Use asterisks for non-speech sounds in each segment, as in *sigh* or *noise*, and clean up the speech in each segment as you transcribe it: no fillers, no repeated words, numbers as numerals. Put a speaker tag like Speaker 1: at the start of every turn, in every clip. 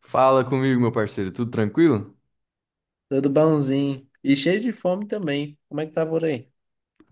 Speaker 1: Fala comigo, meu parceiro, tudo tranquilo?
Speaker 2: Tudo bonzinho. E cheio de fome também. Como é que tá por aí?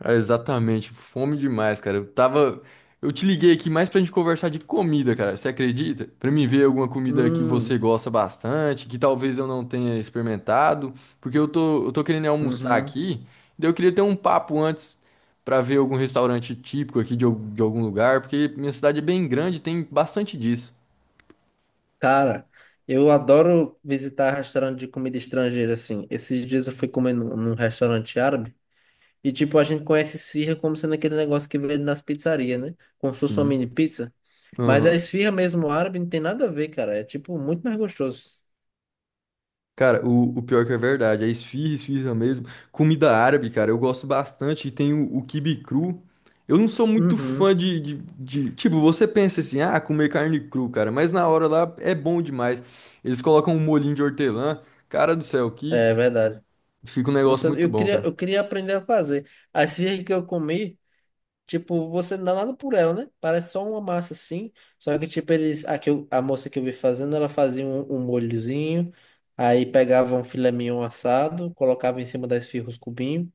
Speaker 1: Ah, exatamente, fome demais, cara. Eu tava. Eu te liguei aqui mais pra gente conversar de comida, cara. Você acredita? Pra mim ver alguma comida que você
Speaker 2: Hum,
Speaker 1: gosta bastante, que talvez eu não tenha experimentado, porque eu tô querendo almoçar
Speaker 2: uhum.
Speaker 1: aqui, daí eu queria ter um papo antes pra ver algum restaurante típico aqui de algum lugar, porque minha cidade é bem grande, e tem bastante disso.
Speaker 2: Cara, eu adoro visitar restaurante de comida estrangeira, assim. Esses dias eu fui comer num restaurante árabe. E, tipo, a gente conhece esfirra como sendo aquele negócio que vende nas pizzarias, né? Como se fosse uma
Speaker 1: Sim.
Speaker 2: mini pizza. Mas a
Speaker 1: Aham.
Speaker 2: esfirra mesmo árabe não tem nada a ver, cara. É, tipo, muito mais gostoso.
Speaker 1: Cara, o pior que é verdade, é esfirra mesmo. Comida árabe, cara, eu gosto bastante. E tem o quibe cru. Eu não sou muito
Speaker 2: Uhum.
Speaker 1: fã de. Tipo, você pensa assim, ah, comer carne cru, cara, mas na hora lá é bom demais. Eles colocam um molhinho de hortelã. Cara do céu, que
Speaker 2: É verdade.
Speaker 1: fica um negócio
Speaker 2: Nossa,
Speaker 1: muito
Speaker 2: eu
Speaker 1: bom,
Speaker 2: queria,
Speaker 1: cara.
Speaker 2: eu queria aprender a fazer. A esfirra que eu comi. Tipo, você não dá nada por ela, né? Parece só uma massa assim. Só que, tipo, eles. A, a moça que eu vi fazendo, ela fazia um molhozinho. Aí pegava um filé mignon assado, colocava em cima da esfirra os cubinhos,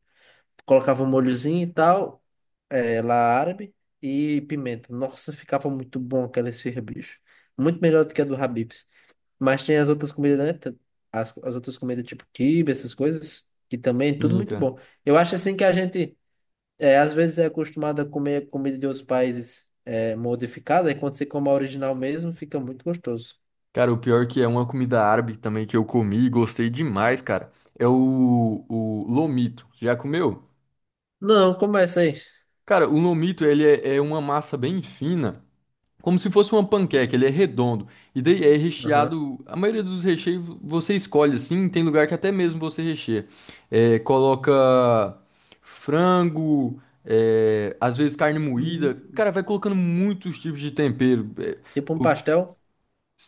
Speaker 2: colocava um molhozinho e tal, é, lá árabe, e pimenta. Nossa, ficava muito bom aquela esfirra, bicho. Muito melhor do que a do Habib's. Mas tem as outras comidas, né? Tem as outras comidas, tipo quibe, essas coisas, que também é tudo
Speaker 1: Sim,
Speaker 2: muito
Speaker 1: cara.
Speaker 2: bom. Eu acho assim que a gente. É, às vezes é acostumado a comer comida de outros países é, modificada, e quando você come a original mesmo, fica muito gostoso.
Speaker 1: Cara, o pior que é uma comida árabe também que eu comi e gostei demais, cara. É o lomito. Já comeu?
Speaker 2: Não, começa aí.
Speaker 1: Cara, o lomito, ele é uma massa bem fina. Como se fosse uma panqueca, ele é redondo. E daí é
Speaker 2: Aham.
Speaker 1: recheado. A maioria dos recheios você escolhe assim. Tem lugar que até mesmo você recheia. É, coloca frango, é, às vezes carne moída.
Speaker 2: Hum.
Speaker 1: Cara, vai colocando muitos tipos de tempero.
Speaker 2: Tipo um
Speaker 1: O-
Speaker 2: pastel,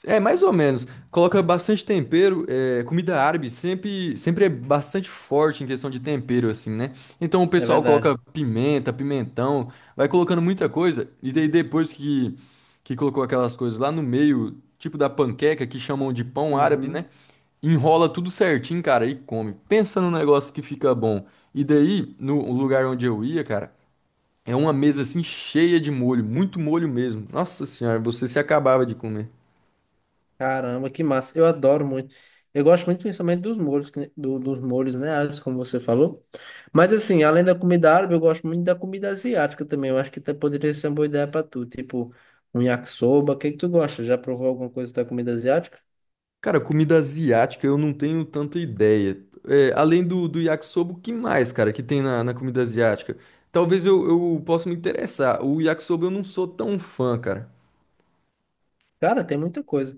Speaker 1: É, mais ou menos. Coloca bastante tempero. É, comida árabe sempre é bastante forte em questão de tempero, assim, né? Então o
Speaker 2: é
Speaker 1: pessoal coloca
Speaker 2: verdade.
Speaker 1: pimenta, pimentão, vai colocando muita coisa. E daí depois que colocou aquelas coisas lá no meio, tipo da panqueca, que chamam de pão árabe, né?
Speaker 2: Uhum.
Speaker 1: Enrola tudo certinho, cara, e come. Pensa num negócio que fica bom. E daí, no lugar onde eu ia, cara, é uma mesa assim cheia de molho, muito molho mesmo. Nossa senhora, você se acabava de comer.
Speaker 2: Caramba, que massa. Eu adoro muito. Eu gosto muito principalmente dos molhos, dos molhos, né, Alex, como você falou. Mas assim, além da comida árabe, eu gosto muito da comida asiática também. Eu acho que até poderia ser uma boa ideia pra tu. Tipo, um yakisoba. O que que tu gosta? Já provou alguma coisa da comida asiática?
Speaker 1: Cara, comida asiática eu não tenho tanta ideia. É, além do yakisoba, o que mais, cara, que tem na comida asiática? Talvez eu possa me interessar. O yakisoba eu não sou tão fã, cara.
Speaker 2: Cara, tem muita coisa.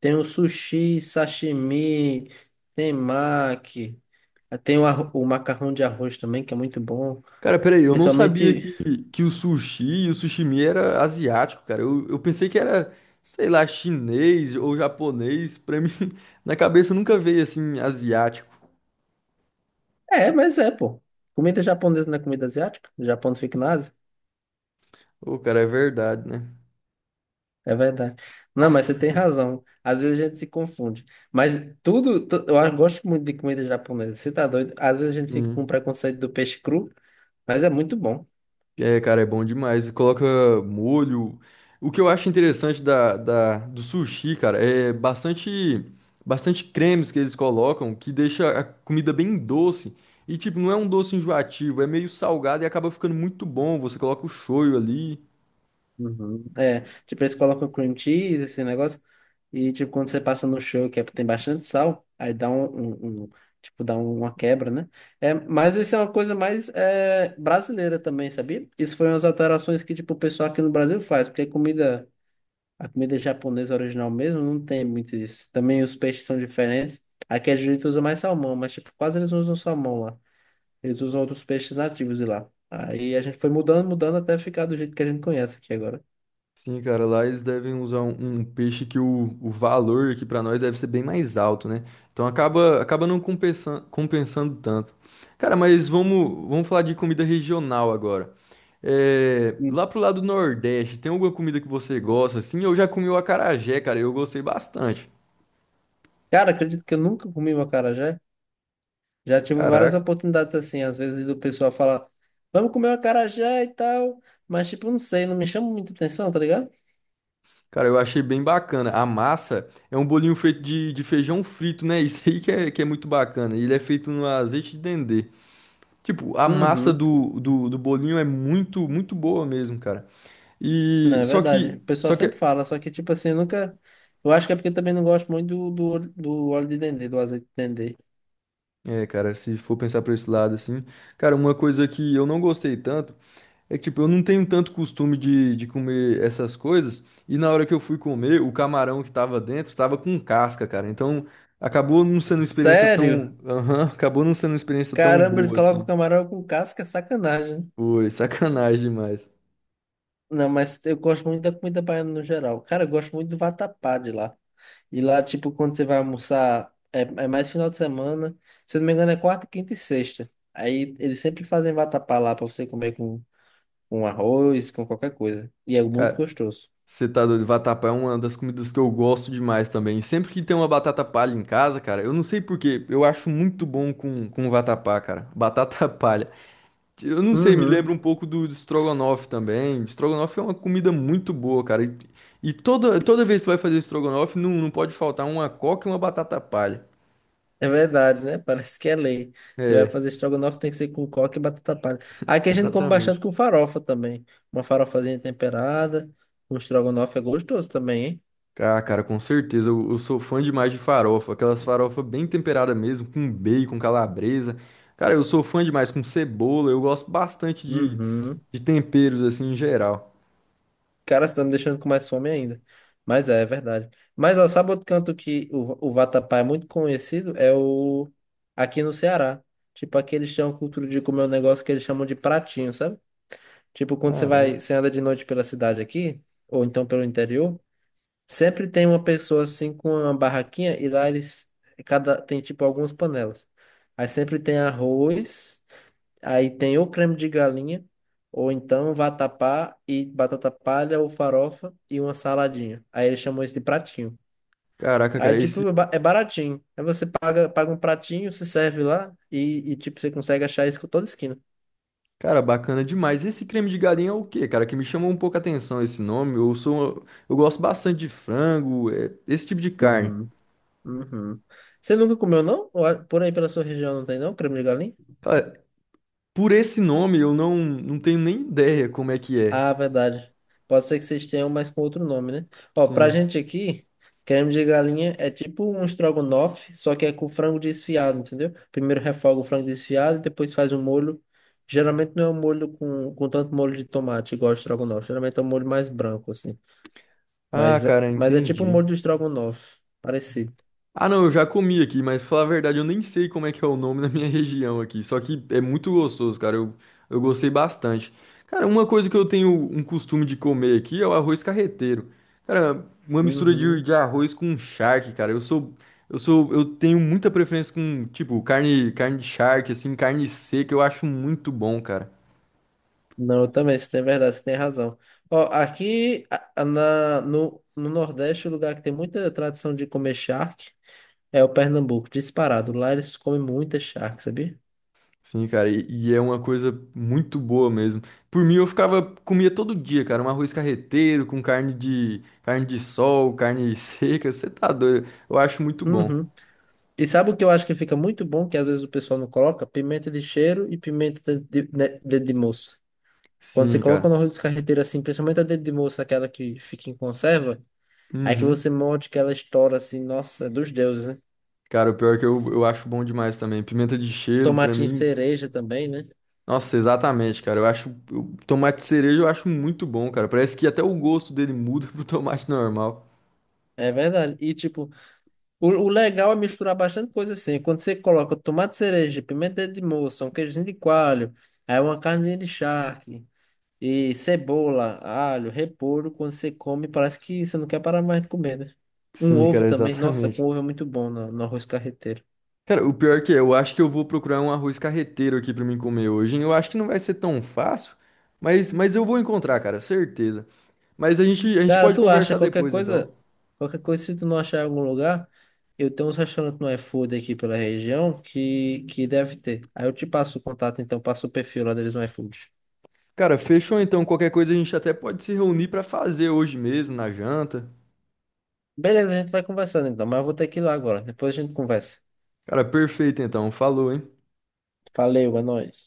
Speaker 2: Tem o sushi, sashimi, tem maqui, tem o macarrão de arroz também, que é muito bom.
Speaker 1: Cara, peraí, eu não sabia
Speaker 2: Principalmente.
Speaker 1: que o sushi e o sushimi era asiático, cara. Eu pensei que era, sei lá, chinês ou japonês. Pra mim, *laughs* na cabeça nunca veio assim, asiático.
Speaker 2: É, mas é, pô. Comida japonesa não é comida asiática? O Japão não fica na Ásia?
Speaker 1: Ô, cara, é verdade, né?
Speaker 2: É verdade. Não, mas você tem razão. Às vezes a gente se confunde. Mas tudo. Eu gosto muito de comida japonesa. Você tá doido? Às vezes a gente fica com
Speaker 1: Sim.
Speaker 2: preconceito do peixe cru, mas é muito bom.
Speaker 1: É, cara, é bom demais. Coloca molho. O que eu acho interessante do sushi, cara, bastante cremes que eles colocam que deixa a comida bem doce. E, tipo, não é um doce enjoativo, é meio salgado e acaba ficando muito bom. Você coloca o shoyu ali.
Speaker 2: Uhum. É, tipo, eles colocam cream cheese, esse negócio, e tipo, quando você passa no show, que é, tem bastante sal, aí dá tipo, dá uma quebra, né? É, mas isso é uma coisa mais é, brasileira também, sabia? Isso foi umas alterações que, tipo, o pessoal aqui no Brasil faz, porque comida, a comida japonesa original mesmo não tem muito isso. Também os peixes são diferentes. Aqui a gente usa mais salmão, mas, tipo, quase eles não usam salmão lá. Eles usam outros peixes nativos de lá. Aí a gente foi mudando, mudando até ficar do jeito que a gente conhece aqui agora.
Speaker 1: Sim, cara, lá eles devem usar um peixe que o valor aqui pra nós deve ser bem mais alto, né? Então acaba não compensando tanto. Cara, mas vamos falar de comida regional agora. É, lá pro lado Nordeste, tem alguma comida que você gosta? Assim, eu já comi o acarajé, cara, eu gostei bastante.
Speaker 2: Cara, acredito que eu nunca comi um acarajé. Já tive várias
Speaker 1: Caraca.
Speaker 2: oportunidades assim, às vezes do pessoal falar, vamos comer um acarajé e tal, mas tipo, não sei, não me chama muita atenção, tá ligado?
Speaker 1: Cara, eu achei bem bacana. A massa é um bolinho feito de feijão frito, né? *laughs* Isso aí que é muito bacana. Ele é feito no azeite de dendê. Tipo, a massa
Speaker 2: Uhum,
Speaker 1: do bolinho é muito boa mesmo, cara.
Speaker 2: não,
Speaker 1: E
Speaker 2: é
Speaker 1: só
Speaker 2: verdade. O
Speaker 1: que,
Speaker 2: pessoal
Speaker 1: só
Speaker 2: sempre
Speaker 1: que,
Speaker 2: fala, só que tipo assim, eu nunca. Eu acho que é porque eu também não gosto muito do óleo- do óleo de dendê, do azeite de dendê.
Speaker 1: é, cara, se for pensar por esse lado assim, cara, uma coisa que eu não gostei tanto é que, tipo, eu não tenho tanto costume de comer essas coisas. E na hora que eu fui comer, o camarão que tava dentro tava com casca, cara. Então, acabou não sendo uma experiência
Speaker 2: Sério?
Speaker 1: tão, aham, acabou não sendo uma experiência tão
Speaker 2: Caramba, eles
Speaker 1: boa assim.
Speaker 2: colocam camarão com casca, é sacanagem.
Speaker 1: Foi sacanagem demais.
Speaker 2: Não, mas eu gosto muito da comida baiana no geral. Cara, eu gosto muito do vatapá de lá. E lá, tipo, quando você vai almoçar, é mais final de semana. Se eu não me engano, é quarta, quinta e sexta. Aí eles sempre fazem vatapá lá pra você comer com arroz, com qualquer coisa. E é muito
Speaker 1: Cara,
Speaker 2: gostoso.
Speaker 1: você tá doido? Vatapá é uma das comidas que eu gosto demais também. Sempre que tem uma batata palha em casa, cara, eu não sei por quê, eu acho muito bom com vatapá, cara. Batata *laughs* palha. Eu não sei, me
Speaker 2: Uhum,
Speaker 1: lembra um pouco do estrogonofe também. Estrogonofe é uma comida muito boa, cara. E e toda vez que você vai fazer estrogonofe, não pode faltar uma coca e uma batata palha.
Speaker 2: é verdade, né? *laughs* Parece que é lei. Você vai
Speaker 1: É,
Speaker 2: fazer estrogonofe, tem que ser com coque e batata palha. Aqui a gente come
Speaker 1: exatamente.
Speaker 2: bastante com farofa também. Uma farofazinha temperada. Um estrogonofe é gostoso também, hein?
Speaker 1: Ah, cara, com certeza. Eu sou fã demais de farofa. Aquelas farofas bem temperadas mesmo, com bacon, calabresa. Cara, eu sou fã demais com cebola. Eu gosto bastante
Speaker 2: Uhum.
Speaker 1: de temperos, assim, em geral.
Speaker 2: Cara, você tá me deixando com mais fome ainda. Mas é, é verdade. Mas, ó, sabe outro canto que o vatapá é muito conhecido? É o... Aqui no Ceará. Tipo, aqui eles têm uma cultura de comer um negócio que eles chamam de pratinho, sabe? Tipo, quando você
Speaker 1: Cara,
Speaker 2: vai, você anda de noite pela cidade aqui, ou então pelo interior, sempre tem uma pessoa, assim, com uma barraquinha e lá eles... Cada... Tem, tipo, algumas panelas. Aí sempre tem arroz... Aí tem ou creme de galinha, ou então vatapá e batata palha ou farofa e uma saladinha. Aí ele chamou isso de pratinho.
Speaker 1: caraca,
Speaker 2: Aí,
Speaker 1: cara, esse.
Speaker 2: tipo, é baratinho. Aí você paga, paga um pratinho, se serve lá e, tipo, você consegue achar isso com toda esquina.
Speaker 1: Cara, bacana demais. Esse creme de galinha é o quê, cara? Que me chamou um pouco a atenção esse nome. Eu sou. Eu gosto bastante de frango, é, esse tipo de carne.
Speaker 2: Uhum, uhum. Você nunca comeu, não? Por aí pela sua região não tem, não? Creme de galinha?
Speaker 1: Cara, por esse nome eu não tenho nem ideia como é que é.
Speaker 2: Ah, verdade. Pode ser que vocês tenham, mas com outro nome, né? Ó, pra
Speaker 1: Sim.
Speaker 2: gente aqui, creme de galinha é tipo um estrogonofe, só que é com frango desfiado, entendeu? Primeiro refoga o frango desfiado e depois faz o molho. Geralmente não é um molho com tanto molho de tomate, igual o estrogonofe. Geralmente é um molho mais branco, assim.
Speaker 1: Ah,
Speaker 2: Mas,
Speaker 1: cara,
Speaker 2: mas é tipo o
Speaker 1: entendi.
Speaker 2: molho do estrogonofe, parecido.
Speaker 1: Ah, não, eu já comi aqui, mas pra falar a verdade, eu nem sei como é que é o nome na minha *laughs* região aqui. Só que é muito gostoso, cara. Eu gostei bastante. Cara, uma coisa que eu tenho um costume de comer aqui é o arroz carreteiro. Cara, uma mistura de,
Speaker 2: Uhum.
Speaker 1: de arroz com charque, cara. Eu tenho muita preferência com, tipo, carne de charque, assim, carne seca, eu acho muito bom, cara.
Speaker 2: Não, eu também, você tem verdade, você tem razão. Ó, aqui na, no Nordeste, o lugar que tem muita tradição de comer charque. É o Pernambuco, disparado. Lá eles comem muita charque, sabia?
Speaker 1: Sim, cara, e é uma coisa muito boa mesmo. Por mim, eu ficava, comia todo dia, cara, um arroz carreteiro com carne de sol, carne *laughs* seca, você tá doido. Eu acho muito bom.
Speaker 2: Uhum. E sabe o que eu acho que fica muito bom, que às vezes o pessoal não coloca? Pimenta de cheiro e pimenta de né, dedo de moça. Quando você
Speaker 1: Sim, cara.
Speaker 2: coloca no arroz de carreteiro assim, principalmente a dedo de moça, aquela que fica em conserva, aí que
Speaker 1: Uhum.
Speaker 2: você morde que ela estoura assim, nossa, é dos deuses, né?
Speaker 1: Cara, o pior é que eu acho bom demais também. Pimenta de cheiro, pra
Speaker 2: Tomatinho
Speaker 1: mim,
Speaker 2: cereja também, né?
Speaker 1: nossa, exatamente, cara. Tomate cereja eu acho muito bom, cara. Parece que até o gosto dele muda *laughs* pro tomate normal.
Speaker 2: É verdade. E tipo, o legal é misturar bastante coisa assim. Quando você coloca tomate cereja, pimenta de moça, um queijinho de coalho, aí uma carnezinha de charque. E cebola, alho, repolho, quando você come, parece que você não quer parar mais de comer, né? Um
Speaker 1: Sim,
Speaker 2: ovo
Speaker 1: cara,
Speaker 2: também, nossa, com
Speaker 1: exatamente.
Speaker 2: ovo é muito bom no arroz carreteiro.
Speaker 1: Cara, o pior que é, eu acho que eu vou procurar um arroz carreteiro aqui pra mim comer hoje, hein? Eu acho que não vai ser tão fácil, mas eu vou encontrar, cara, certeza. Mas a gente
Speaker 2: Cara,
Speaker 1: pode
Speaker 2: tu acha
Speaker 1: conversar depois, então.
Speaker 2: qualquer coisa, se tu não achar em algum lugar, eu tenho uns restaurantes no iFood aqui pela região que deve ter. Aí eu te passo o contato, então, passo o perfil lá deles no iFood.
Speaker 1: Cara, fechou então. Qualquer coisa a gente até pode se reunir pra fazer hoje mesmo, na janta.
Speaker 2: Beleza, a gente vai conversando então, mas eu vou ter que ir lá agora. Depois a gente conversa.
Speaker 1: Cara, perfeito então. Falou, hein?
Speaker 2: Valeu, é nóis.